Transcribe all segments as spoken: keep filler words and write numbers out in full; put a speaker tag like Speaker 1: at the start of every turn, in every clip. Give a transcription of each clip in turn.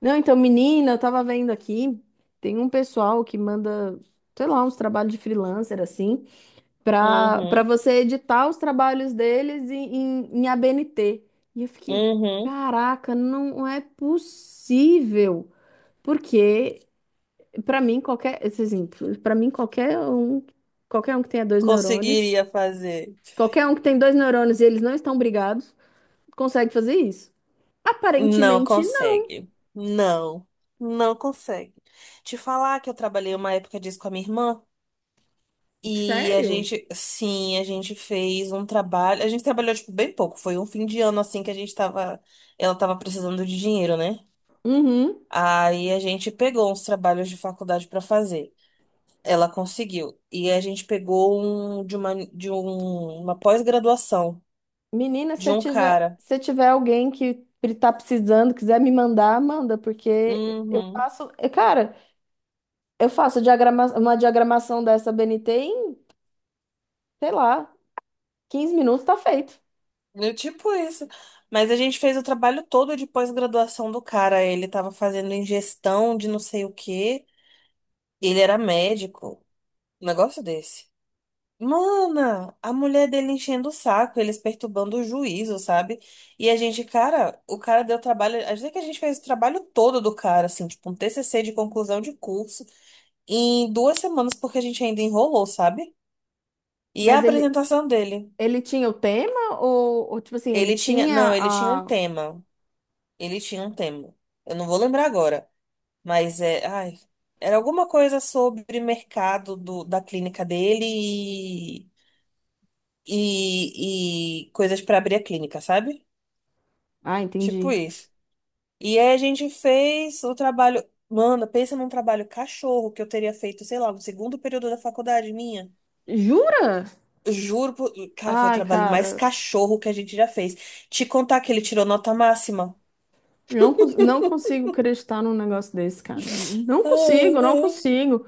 Speaker 1: Não, então, menina, eu tava vendo aqui, tem um pessoal que manda, sei lá, uns trabalhos de freelancer, assim, pra, pra
Speaker 2: Uhum,
Speaker 1: você editar os trabalhos deles em, em, em A B N T. E eu fiquei,
Speaker 2: uhum.
Speaker 1: caraca, não é possível. Porque, pra mim, qualquer, assim, pra mim, qualquer um, qualquer um que tenha dois neurônios,
Speaker 2: Conseguiria fazer.
Speaker 1: qualquer um que tem dois neurônios e eles não estão brigados, consegue fazer isso.
Speaker 2: Não
Speaker 1: Aparentemente, não.
Speaker 2: consegue. Não, não consegue. Te falar que eu trabalhei uma época disso com a minha irmã e a
Speaker 1: Sério?
Speaker 2: gente, sim, a gente fez um trabalho. A gente trabalhou, tipo, bem pouco. Foi um fim de ano, assim, que a gente tava. Ela tava precisando de dinheiro, né?
Speaker 1: Uhum.
Speaker 2: Aí a gente pegou uns trabalhos de faculdade pra fazer. Ela conseguiu. E a gente pegou um de uma, de um, uma pós-graduação
Speaker 1: Menina, se
Speaker 2: de
Speaker 1: eu
Speaker 2: um
Speaker 1: tiver,
Speaker 2: cara.
Speaker 1: se eu tiver alguém que tá precisando, quiser me mandar, manda, porque eu
Speaker 2: Uhum.
Speaker 1: faço, eu- cara, eu faço diagrama, uma diagramação dessa B N T em, sei lá, quinze minutos tá feito.
Speaker 2: Eu, tipo isso. Mas a gente fez o trabalho todo de pós-graduação do cara. Ele tava fazendo ingestão de não sei o quê. Ele era médico. Um negócio desse. Mana, a mulher dele enchendo o saco, eles perturbando o juízo, sabe? E a gente, cara, o cara deu trabalho. Às vezes que a gente fez o trabalho todo do cara, assim, tipo um T C C de conclusão de curso, em duas semanas, porque a gente ainda enrolou, sabe? E a
Speaker 1: Mas ele,
Speaker 2: apresentação dele.
Speaker 1: ele tinha o tema ou, ou, tipo assim, ele
Speaker 2: Ele tinha. Não,
Speaker 1: tinha
Speaker 2: ele tinha um
Speaker 1: a...
Speaker 2: tema. Ele tinha um tema. Eu não vou lembrar agora, mas é, ai, era alguma coisa sobre mercado do, da clínica dele e, e, e coisas para abrir a clínica, sabe?
Speaker 1: Ah,
Speaker 2: Tipo
Speaker 1: entendi.
Speaker 2: isso. E aí a gente fez o trabalho. Mano, pensa num trabalho cachorro que eu teria feito, sei lá, no segundo período da faculdade minha.
Speaker 1: Jura?
Speaker 2: Juro, por... cara, foi o
Speaker 1: Ai,
Speaker 2: trabalho mais
Speaker 1: cara,
Speaker 2: cachorro que a gente já fez. Te contar que ele tirou nota máxima.
Speaker 1: não, cons- não consigo acreditar num negócio desse, cara. Não consigo, não consigo.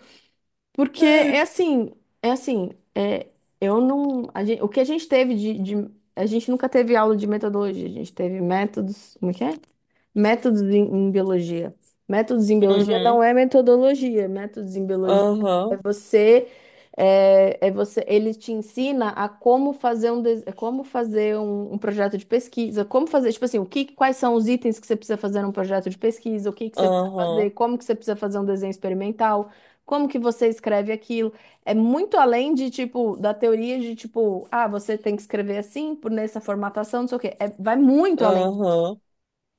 Speaker 1: Porque é assim, é assim, é, eu não, a gente, o que a gente teve de, de- a gente nunca teve aula de metodologia, a gente teve métodos, como é que é? Métodos em, em biologia. Métodos em biologia não
Speaker 2: Uhum.
Speaker 1: é metodologia, métodos em biologia é
Speaker 2: Aham,
Speaker 1: você, é, é você, ele te ensina a como fazer um, des- como fazer um, um projeto de pesquisa, como fazer, tipo assim, o que, quais são os itens que você precisa fazer num projeto de pesquisa, o que que você precisa fazer,
Speaker 2: aham,
Speaker 1: como que você precisa fazer um desenho experimental, como que você escreve aquilo. É muito além de, tipo, da teoria de, tipo, ah, você tem que escrever assim, por nessa formatação, não sei o quê. É, vai muito além.
Speaker 2: aham.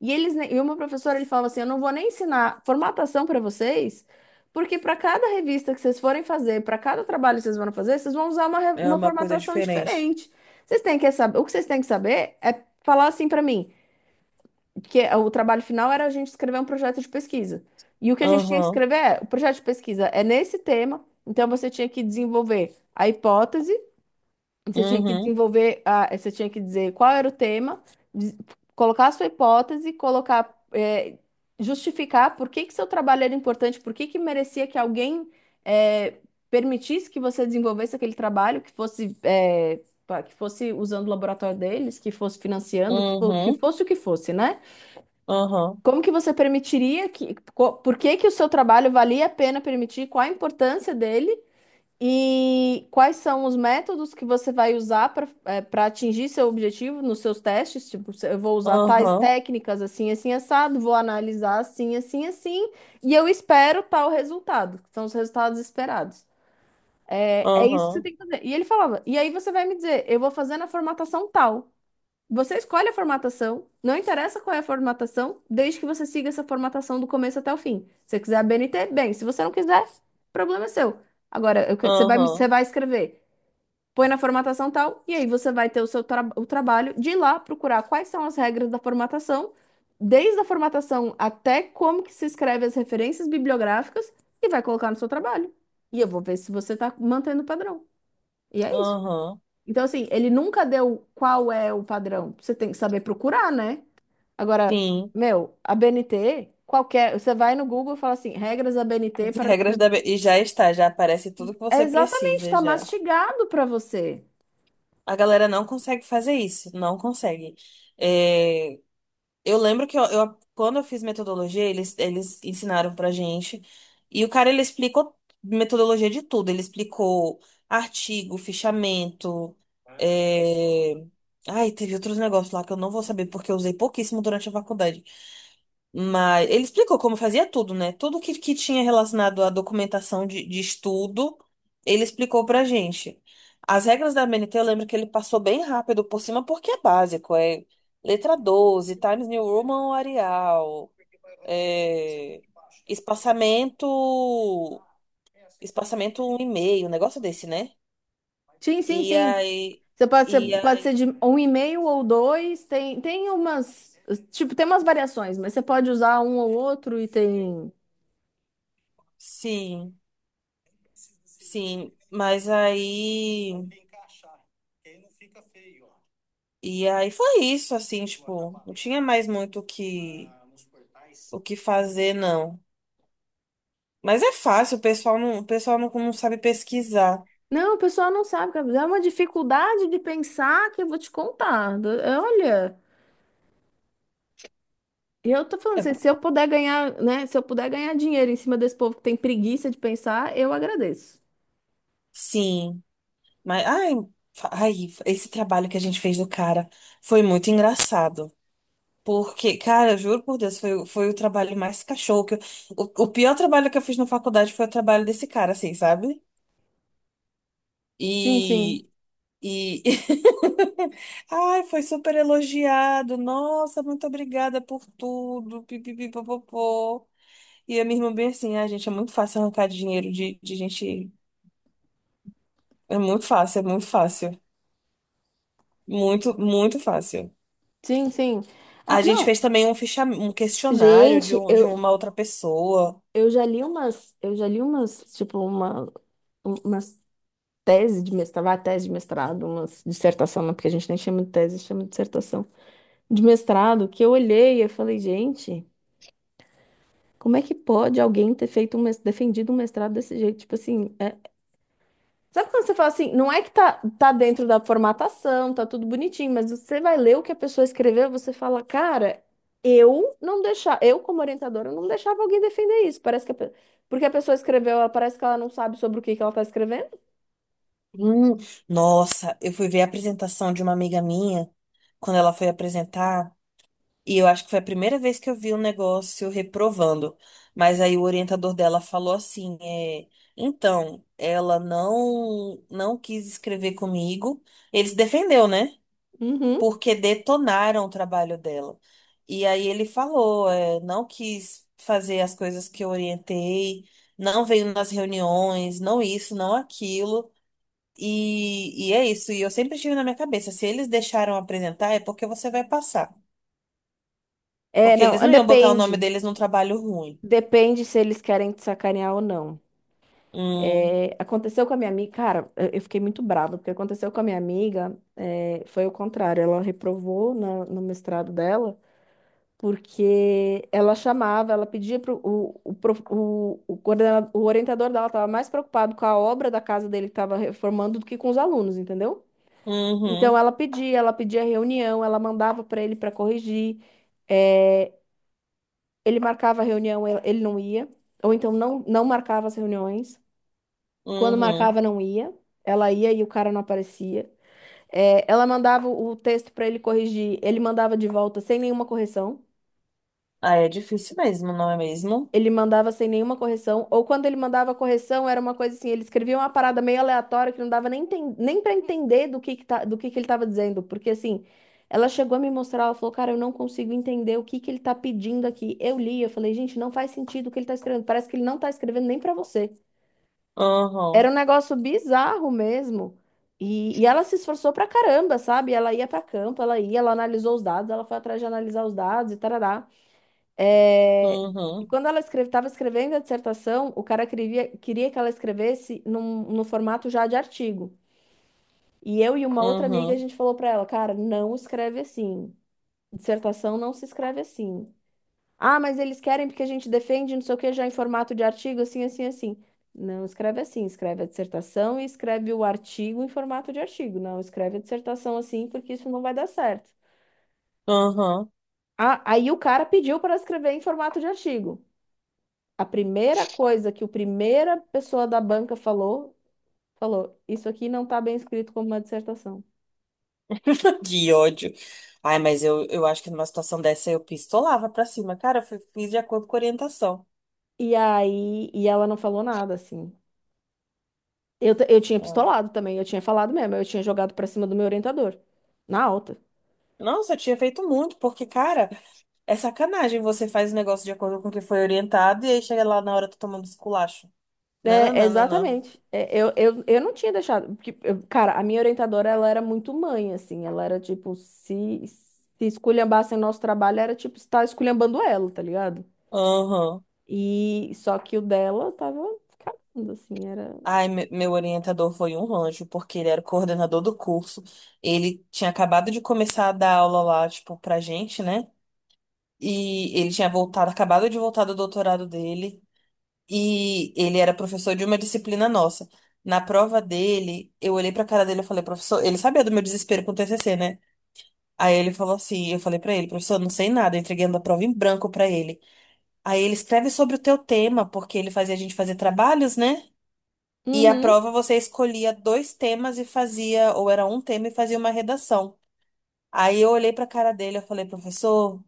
Speaker 1: E eles ne- e uma professora ele falava assim, eu não vou nem ensinar formatação para vocês, porque para cada revista que vocês forem fazer, para cada trabalho que vocês vão fazer, vocês vão usar uma, re-
Speaker 2: É
Speaker 1: uma
Speaker 2: uma coisa
Speaker 1: formatação
Speaker 2: diferente.
Speaker 1: diferente. Vocês têm que saber, o que vocês têm que saber é falar assim para mim, que é, o trabalho final era a gente escrever um projeto de pesquisa. E o que a gente tinha que
Speaker 2: Aham,
Speaker 1: escrever é, o projeto de pesquisa é nesse tema, então você tinha que desenvolver a hipótese, você tinha que
Speaker 2: uhum,
Speaker 1: desenvolver, a, você tinha que dizer qual era o tema, des- colocar a sua hipótese, colocar, é, justificar por que que seu trabalho era importante, por que que merecia que alguém, é, permitisse que você desenvolvesse aquele trabalho, que fosse, é, pá, que fosse usando o laboratório deles, que fosse financiando, que, fo- que
Speaker 2: uhum,
Speaker 1: fosse o que fosse, né?
Speaker 2: aham,
Speaker 1: Como que você permitiria que, co- por que que o seu trabalho valia a pena permitir, qual a importância dele? E quais são os métodos que você vai usar para para atingir seu objetivo nos seus testes? Tipo, se eu vou usar tais
Speaker 2: aham,
Speaker 1: técnicas assim, assim, assado, vou analisar assim, assim, assim, e eu espero tal resultado, que são os resultados esperados. É, é isso que você
Speaker 2: aham,
Speaker 1: tem que fazer. E ele falava, e aí você vai me dizer, eu vou fazer na formatação tal. Você escolhe a formatação, não interessa qual é a formatação, desde que você siga essa formatação do começo até o fim. Se você quiser a B N T, bem, se você não quiser, problema é seu. Agora, eu que- você vai, me- você
Speaker 2: aham,
Speaker 1: vai escrever, põe na formatação tal, e aí você vai ter o seu tra- o trabalho de ir lá procurar quais são as regras da formatação, desde a formatação até como que se escreve as referências bibliográficas, e vai colocar no seu trabalho. E eu vou ver se você está mantendo o padrão. E é isso.
Speaker 2: aham.
Speaker 1: Então, assim, ele nunca deu qual é o padrão. Você tem que saber procurar, né? Agora,
Speaker 2: Sim.
Speaker 1: meu, a B N T, qualquer. Você vai no Google e fala assim: regras da B N T
Speaker 2: As
Speaker 1: para.
Speaker 2: regras da... be- E já está, já aparece tudo que
Speaker 1: É
Speaker 2: você
Speaker 1: exatamente,
Speaker 2: precisa,
Speaker 1: está
Speaker 2: já.
Speaker 1: mastigado para você.
Speaker 2: A galera não consegue fazer isso, não consegue. Eh, Eu lembro que eu, eu- quando eu fiz metodologia, eles, eles ensinaram pra gente. E o cara, ele explicou metodologia de tudo. Ele explicou artigo, fichamento. é, Ai, teve outros negócios lá que eu não vou saber, porque eu usei pouquíssimo durante a faculdade. Mas ele explicou como fazia tudo, né? Tudo que, que tinha relacionado à documentação de, de estudo, ele explicou pra gente. As regras da M N T, eu lembro que ele passou bem rápido por cima, porque é básico. É letra doze, Times New Roman Arial, é, espaçamento, espaçamento um e meio, um negócio desse, né?
Speaker 1: Sim, sim,
Speaker 2: E
Speaker 1: sim.
Speaker 2: aí,
Speaker 1: Você pode ser,
Speaker 2: e
Speaker 1: pode ser
Speaker 2: aí,
Speaker 1: de um e meio ou dois. Tem, tem umas, tipo, tem umas variações, mas você pode usar um ou outro e tem.
Speaker 2: sim, sim. Mas aí. E aí foi isso, assim, tipo, não tinha mais muito o que, o que fazer, não. Mas é fácil, o pessoal não, o pessoal não, não sabe pesquisar.
Speaker 1: Não, o pessoal não sabe, Gabriel. É uma dificuldade de pensar que eu vou te contar. Do- Olha, eu tô falando
Speaker 2: É,
Speaker 1: assim, se eu puder ganhar, né? Se eu puder ganhar dinheiro em cima desse povo que tem preguiça de pensar, eu agradeço.
Speaker 2: sim, mas, ai, fa- ai, esse trabalho que a gente fez do cara foi muito engraçado. Porque, cara, eu juro por Deus, foi, o- foi o trabalho mais cachorro que eu, o, o pior trabalho que eu fiz na faculdade foi o trabalho desse cara, assim, sabe?
Speaker 1: Sim, sim.
Speaker 2: E E ai, foi super elogiado. Nossa, muito obrigada por tudo. Pipipipopopô. E a minha irmã bem assim, ah, gente, é muito fácil arrancar dinheiro de, de gente. É muito fácil, é muito fácil. Muito, muito fácil.
Speaker 1: Sim, sim.
Speaker 2: A
Speaker 1: Ah,
Speaker 2: gente
Speaker 1: não.
Speaker 2: fez também um ficha... um questionário de,
Speaker 1: Gente,
Speaker 2: um- de
Speaker 1: eu,
Speaker 2: uma outra pessoa.
Speaker 1: eu já li umas, eu já li umas, tipo, uma, umas tese de mestrado, vai, tese de mestrado, uma dissertação, não, porque a gente nem chama de tese, chama de dissertação, de mestrado, que eu olhei e eu falei, gente, como é que pode alguém ter feito um, mes- defendido um mestrado desse jeito? Tipo assim, é... Sabe quando você fala assim, não é que tá, tá dentro da formatação, tá tudo bonitinho, mas você vai ler o que a pessoa escreveu, você fala, cara, eu não deixava, eu como orientadora eu não deixava alguém defender isso, parece que a pe- porque a pessoa escreveu, ela parece que ela não sabe sobre o que que ela tá escrevendo.
Speaker 2: Hum, nossa, eu fui ver a apresentação de uma amiga minha quando ela foi apresentar. E eu acho que foi a primeira vez que eu vi um negócio reprovando. Mas aí o orientador dela falou assim, é, então, ela não não quis escrever comigo. Ele se defendeu, né?
Speaker 1: Uhum.
Speaker 2: Porque detonaram o trabalho dela. E aí ele falou, é, não quis fazer as coisas que eu orientei, não veio nas reuniões, não isso, não aquilo. E, e é isso. E eu sempre tive na minha cabeça, se eles deixaram apresentar, é porque você vai passar.
Speaker 1: É,
Speaker 2: Porque
Speaker 1: não,
Speaker 2: eles não iam botar o nome
Speaker 1: depende.
Speaker 2: deles num trabalho ruim.
Speaker 1: Depende se eles querem te sacanear ou não.
Speaker 2: Hum,
Speaker 1: É, aconteceu com a minha amiga, cara, eu eu fiquei muito brava, porque aconteceu com a minha amiga, é, foi o contrário. Ela reprovou na- no mestrado dela, porque ela chamava, ela pedia pro, o, o, prof- o, o, coordena- o orientador dela estava mais preocupado com a obra da casa dele que estava reformando do que com os alunos, entendeu? Então
Speaker 2: uhum,
Speaker 1: ela pedia, ela pedia reunião, ela mandava para ele para corrigir, é, ele marcava a reunião, ele ele não ia ou então não, não marcava as reuniões. Quando
Speaker 2: uhum.
Speaker 1: marcava, não ia. Ela ia e o cara não aparecia. É, ela mandava o texto para ele corrigir. Ele mandava de volta sem nenhuma correção.
Speaker 2: Ah, é difícil mesmo, não é mesmo?
Speaker 1: Ele mandava sem nenhuma correção. Ou quando ele mandava correção, era uma coisa assim: ele escrevia uma parada meio aleatória que não dava nem, enten- nem para entender do que, que, tá, do que, que ele estava dizendo. Porque assim, ela chegou a me mostrar, ela falou: cara, eu não consigo entender o que, que ele tá pedindo aqui. Eu li, eu falei: gente, não faz sentido o que ele tá escrevendo. Parece que ele não tá escrevendo nem para você. Era
Speaker 2: Uhum,
Speaker 1: um negócio bizarro mesmo. E, e ela se esforçou pra caramba, sabe? Ela ia pra campo, ela ia, ela analisou os dados, ela foi atrás de analisar os dados e tarará. É, e
Speaker 2: uhum,
Speaker 1: quando ela estava escrevendo a dissertação, o cara queria, queria que ela escrevesse num, no formato já de artigo. E eu e uma outra amiga, a
Speaker 2: uhum,
Speaker 1: gente falou pra ela, cara, não escreve assim. Dissertação não se escreve assim. Ah, mas eles querem porque a gente defende, não sei o que, já em formato de artigo, assim, assim, assim. Não escreve assim, escreve a dissertação e escreve o artigo em formato de artigo. Não escreve a dissertação assim, porque isso não vai dar certo.
Speaker 2: uhum.
Speaker 1: Ah, aí o cara pediu para escrever em formato de artigo. A primeira coisa que o primeira pessoa da banca falou, falou, isso aqui não está bem escrito como uma dissertação.
Speaker 2: Que ódio. Ai, mas eu, eu acho que numa situação dessa eu pistolava pra cima. Cara, eu fi- fiz de acordo com a orientação.
Speaker 1: E aí, e ela não falou nada, assim. Eu, t- eu tinha
Speaker 2: Ah.
Speaker 1: pistolado também, eu tinha falado mesmo, eu tinha jogado para cima do meu orientador, na alta.
Speaker 2: Nossa, eu tinha feito muito, porque, cara, é sacanagem. Você faz o negócio de acordo com o que foi orientado e aí chega lá na hora tá tomando esculacho. Não,
Speaker 1: É,
Speaker 2: não, não, não, não.
Speaker 1: exatamente. É, eu, eu, eu não tinha deixado. Porque, eu- cara, a minha orientadora, ela era muito mãe, assim. Ela era tipo, se, se esculhambassem nosso trabalho, era tipo, estar esculhambando ela, tá ligado?
Speaker 2: Aham.
Speaker 1: E só que o dela tava cagando, assim, era.
Speaker 2: Ai, me- meu orientador foi um anjo, porque ele era o coordenador do curso. Ele tinha acabado de começar a dar aula lá, tipo, pra gente, né? E ele tinha voltado, acabado de voltar do doutorado dele. E ele era professor de uma disciplina nossa. Na prova dele, eu olhei pra cara dele e falei, professor, ele sabia do meu desespero com o T C C, né? Aí ele falou assim, eu falei pra ele, professor, não sei nada, eu entreguei a prova em branco pra ele. Aí ele escreve sobre o teu tema, porque ele fazia a gente fazer trabalhos, né? E a
Speaker 1: Uhum.
Speaker 2: prova você escolhia dois temas e fazia, ou era um tema e fazia uma redação. Aí eu olhei para a cara dele, eu falei, professor,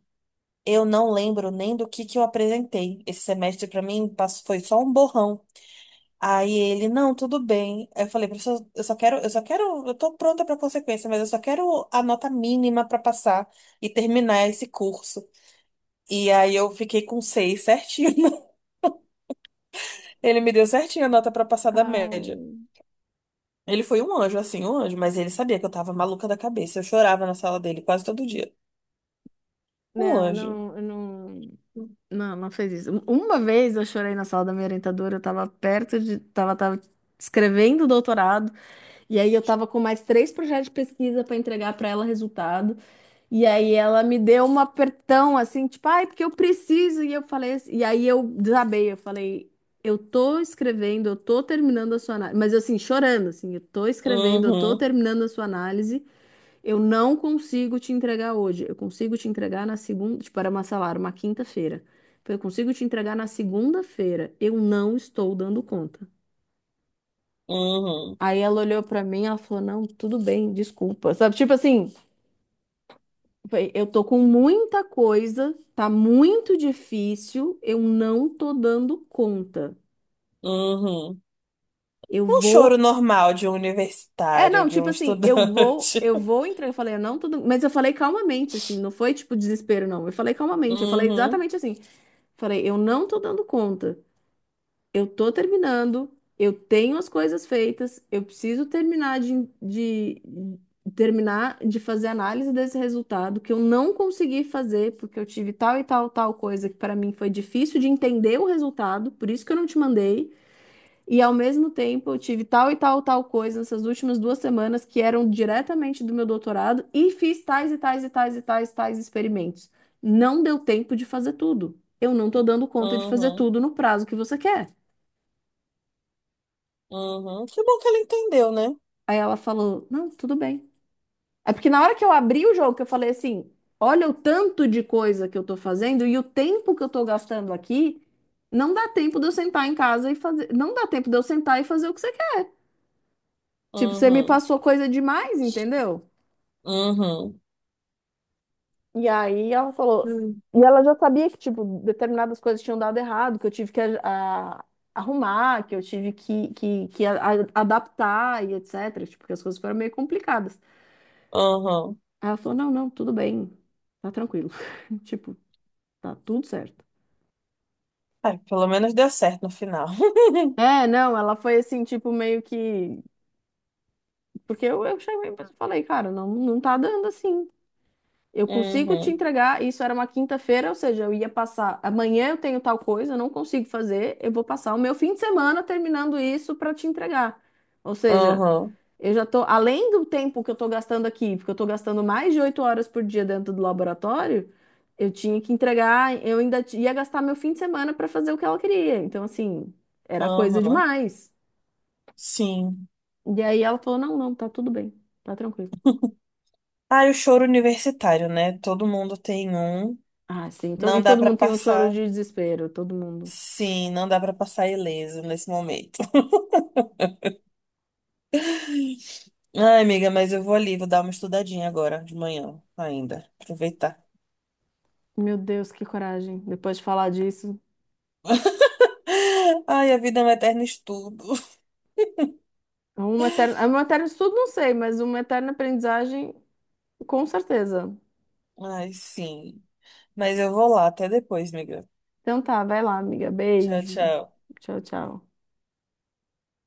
Speaker 2: eu não lembro nem do que que eu apresentei. Esse semestre para mim pass- foi só um borrão. Aí ele, não, tudo bem. Eu falei, professor, eu só quero, eu só quero, eu tô pronta para consequência, mas eu só quero a nota mínima para passar e terminar esse curso. E aí eu fiquei com seis certinho. Ele me deu certinho a nota para passar da média.
Speaker 1: Ai,
Speaker 2: Ele foi um anjo, assim, um anjo, mas ele sabia que eu tava maluca da cabeça. Eu chorava na sala dele quase todo dia. Um
Speaker 1: não, eu
Speaker 2: anjo.
Speaker 1: não, eu não, não, não fez isso. Uma vez eu chorei na sala da minha orientadora, eu tava perto de, tava, tava escrevendo o doutorado, e aí eu tava com mais três projetos de pesquisa para entregar para ela resultado. E aí ela me deu um apertão assim, tipo, ai, porque eu preciso. E eu falei, assim- e aí eu desabei, eu falei, eu tô escrevendo, eu tô terminando a sua análise, mas assim, chorando, assim, eu tô escrevendo, eu tô
Speaker 2: Uhum,
Speaker 1: terminando a sua análise, eu não consigo te entregar hoje. Eu consigo te entregar na segunda, tipo, era uma, sei lá, era uma quinta-feira. Eu consigo te entregar na segunda-feira. Eu não estou dando conta.
Speaker 2: uhum,
Speaker 1: Aí ela olhou pra mim, ela falou: "Não, tudo bem, desculpa". Sabe, tipo assim, bem, eu tô com muita coisa, tá muito difícil, eu não tô dando conta.
Speaker 2: uhum.
Speaker 1: Eu
Speaker 2: Um choro
Speaker 1: vou.
Speaker 2: normal de um
Speaker 1: É,
Speaker 2: universitário,
Speaker 1: não,
Speaker 2: de
Speaker 1: tipo
Speaker 2: um
Speaker 1: assim, eu vou,
Speaker 2: estudante.
Speaker 1: eu vou entrar. Eu falei, eu não tô dando... Mas eu falei calmamente, assim, não foi tipo desespero, não. Eu falei calmamente, eu falei
Speaker 2: Uhum,
Speaker 1: exatamente assim. Falei, eu não tô dando conta. Eu tô terminando, eu tenho as coisas feitas, eu preciso terminar de, de- terminar de fazer análise desse resultado que eu não consegui fazer porque eu tive tal e tal tal coisa que para mim foi difícil de entender o resultado, por isso que eu não te mandei. E ao mesmo tempo eu tive tal e tal tal coisa nessas últimas duas semanas que eram diretamente do meu doutorado e fiz tais e tais e tais e tais tais experimentos. Não deu tempo de fazer tudo. Eu não tô dando conta de fazer
Speaker 2: uhum,
Speaker 1: tudo no prazo que você quer.
Speaker 2: uhum. Que bom que ele entendeu, né?
Speaker 1: Aí ela falou: não, tudo bem. É porque na hora que eu abri o jogo, que eu falei assim: olha o tanto de coisa que eu tô fazendo e o tempo que eu tô gastando aqui, não dá tempo de eu sentar em casa e fazer. Não dá tempo de eu sentar e fazer o que você quer. Tipo, você me
Speaker 2: Uhum,
Speaker 1: passou coisa demais, entendeu?
Speaker 2: uhum,
Speaker 1: E aí ela falou.
Speaker 2: Hum.
Speaker 1: E ela já sabia que, tipo, determinadas coisas tinham dado errado, que eu tive que a- arrumar, que eu tive que, que, que a- a- adaptar e et cetera. Tipo, porque as coisas foram meio complicadas.
Speaker 2: uhum.
Speaker 1: Aí ela falou: não, não, tudo bem, tá tranquilo. Tipo, tá tudo certo.
Speaker 2: Ai, pelo menos deu certo no final.
Speaker 1: É, não, ela foi assim, tipo, meio que. Porque eu, eu cheguei e falei, cara, não, não tá dando assim. Eu consigo te
Speaker 2: Uhum,
Speaker 1: entregar. Isso era uma quinta-feira, ou seja, eu ia passar. Amanhã eu tenho tal coisa, eu não consigo fazer. Eu vou passar o meu fim de semana terminando isso pra te entregar. Ou seja.
Speaker 2: uhum,
Speaker 1: Eu já tô, além do tempo que eu tô gastando aqui, porque eu tô gastando mais de oito horas por dia dentro do laboratório, eu tinha que entregar, eu ainda ti- ia gastar meu fim de semana para fazer o que ela queria. Então, assim, era coisa
Speaker 2: uhum.
Speaker 1: demais.
Speaker 2: Sim.
Speaker 1: E aí ela falou: não, não, tá tudo bem, tá tranquilo.
Speaker 2: Ah, e o choro universitário, né? Todo mundo tem um.
Speaker 1: Ah, sim, to-
Speaker 2: Não
Speaker 1: e
Speaker 2: dá
Speaker 1: todo
Speaker 2: pra
Speaker 1: mundo tem um choro
Speaker 2: passar.
Speaker 1: de desespero, todo mundo.
Speaker 2: Sim, não dá pra passar ileso nesse momento. Ai, amiga, mas eu vou ali, vou dar uma estudadinha agora, de manhã, ainda. Aproveitar.
Speaker 1: Meu Deus, que coragem. Depois de falar disso,
Speaker 2: Ai, a vida é um eterno estudo.
Speaker 1: é uma eterna, é uma eterna estudo, não sei, mas uma eterna aprendizagem, com certeza.
Speaker 2: Ai, sim. Mas eu vou lá, até depois, amiga.
Speaker 1: Então tá, vai lá, amiga.
Speaker 2: Tchau,
Speaker 1: Beijo.
Speaker 2: tchau.
Speaker 1: Tchau, tchau.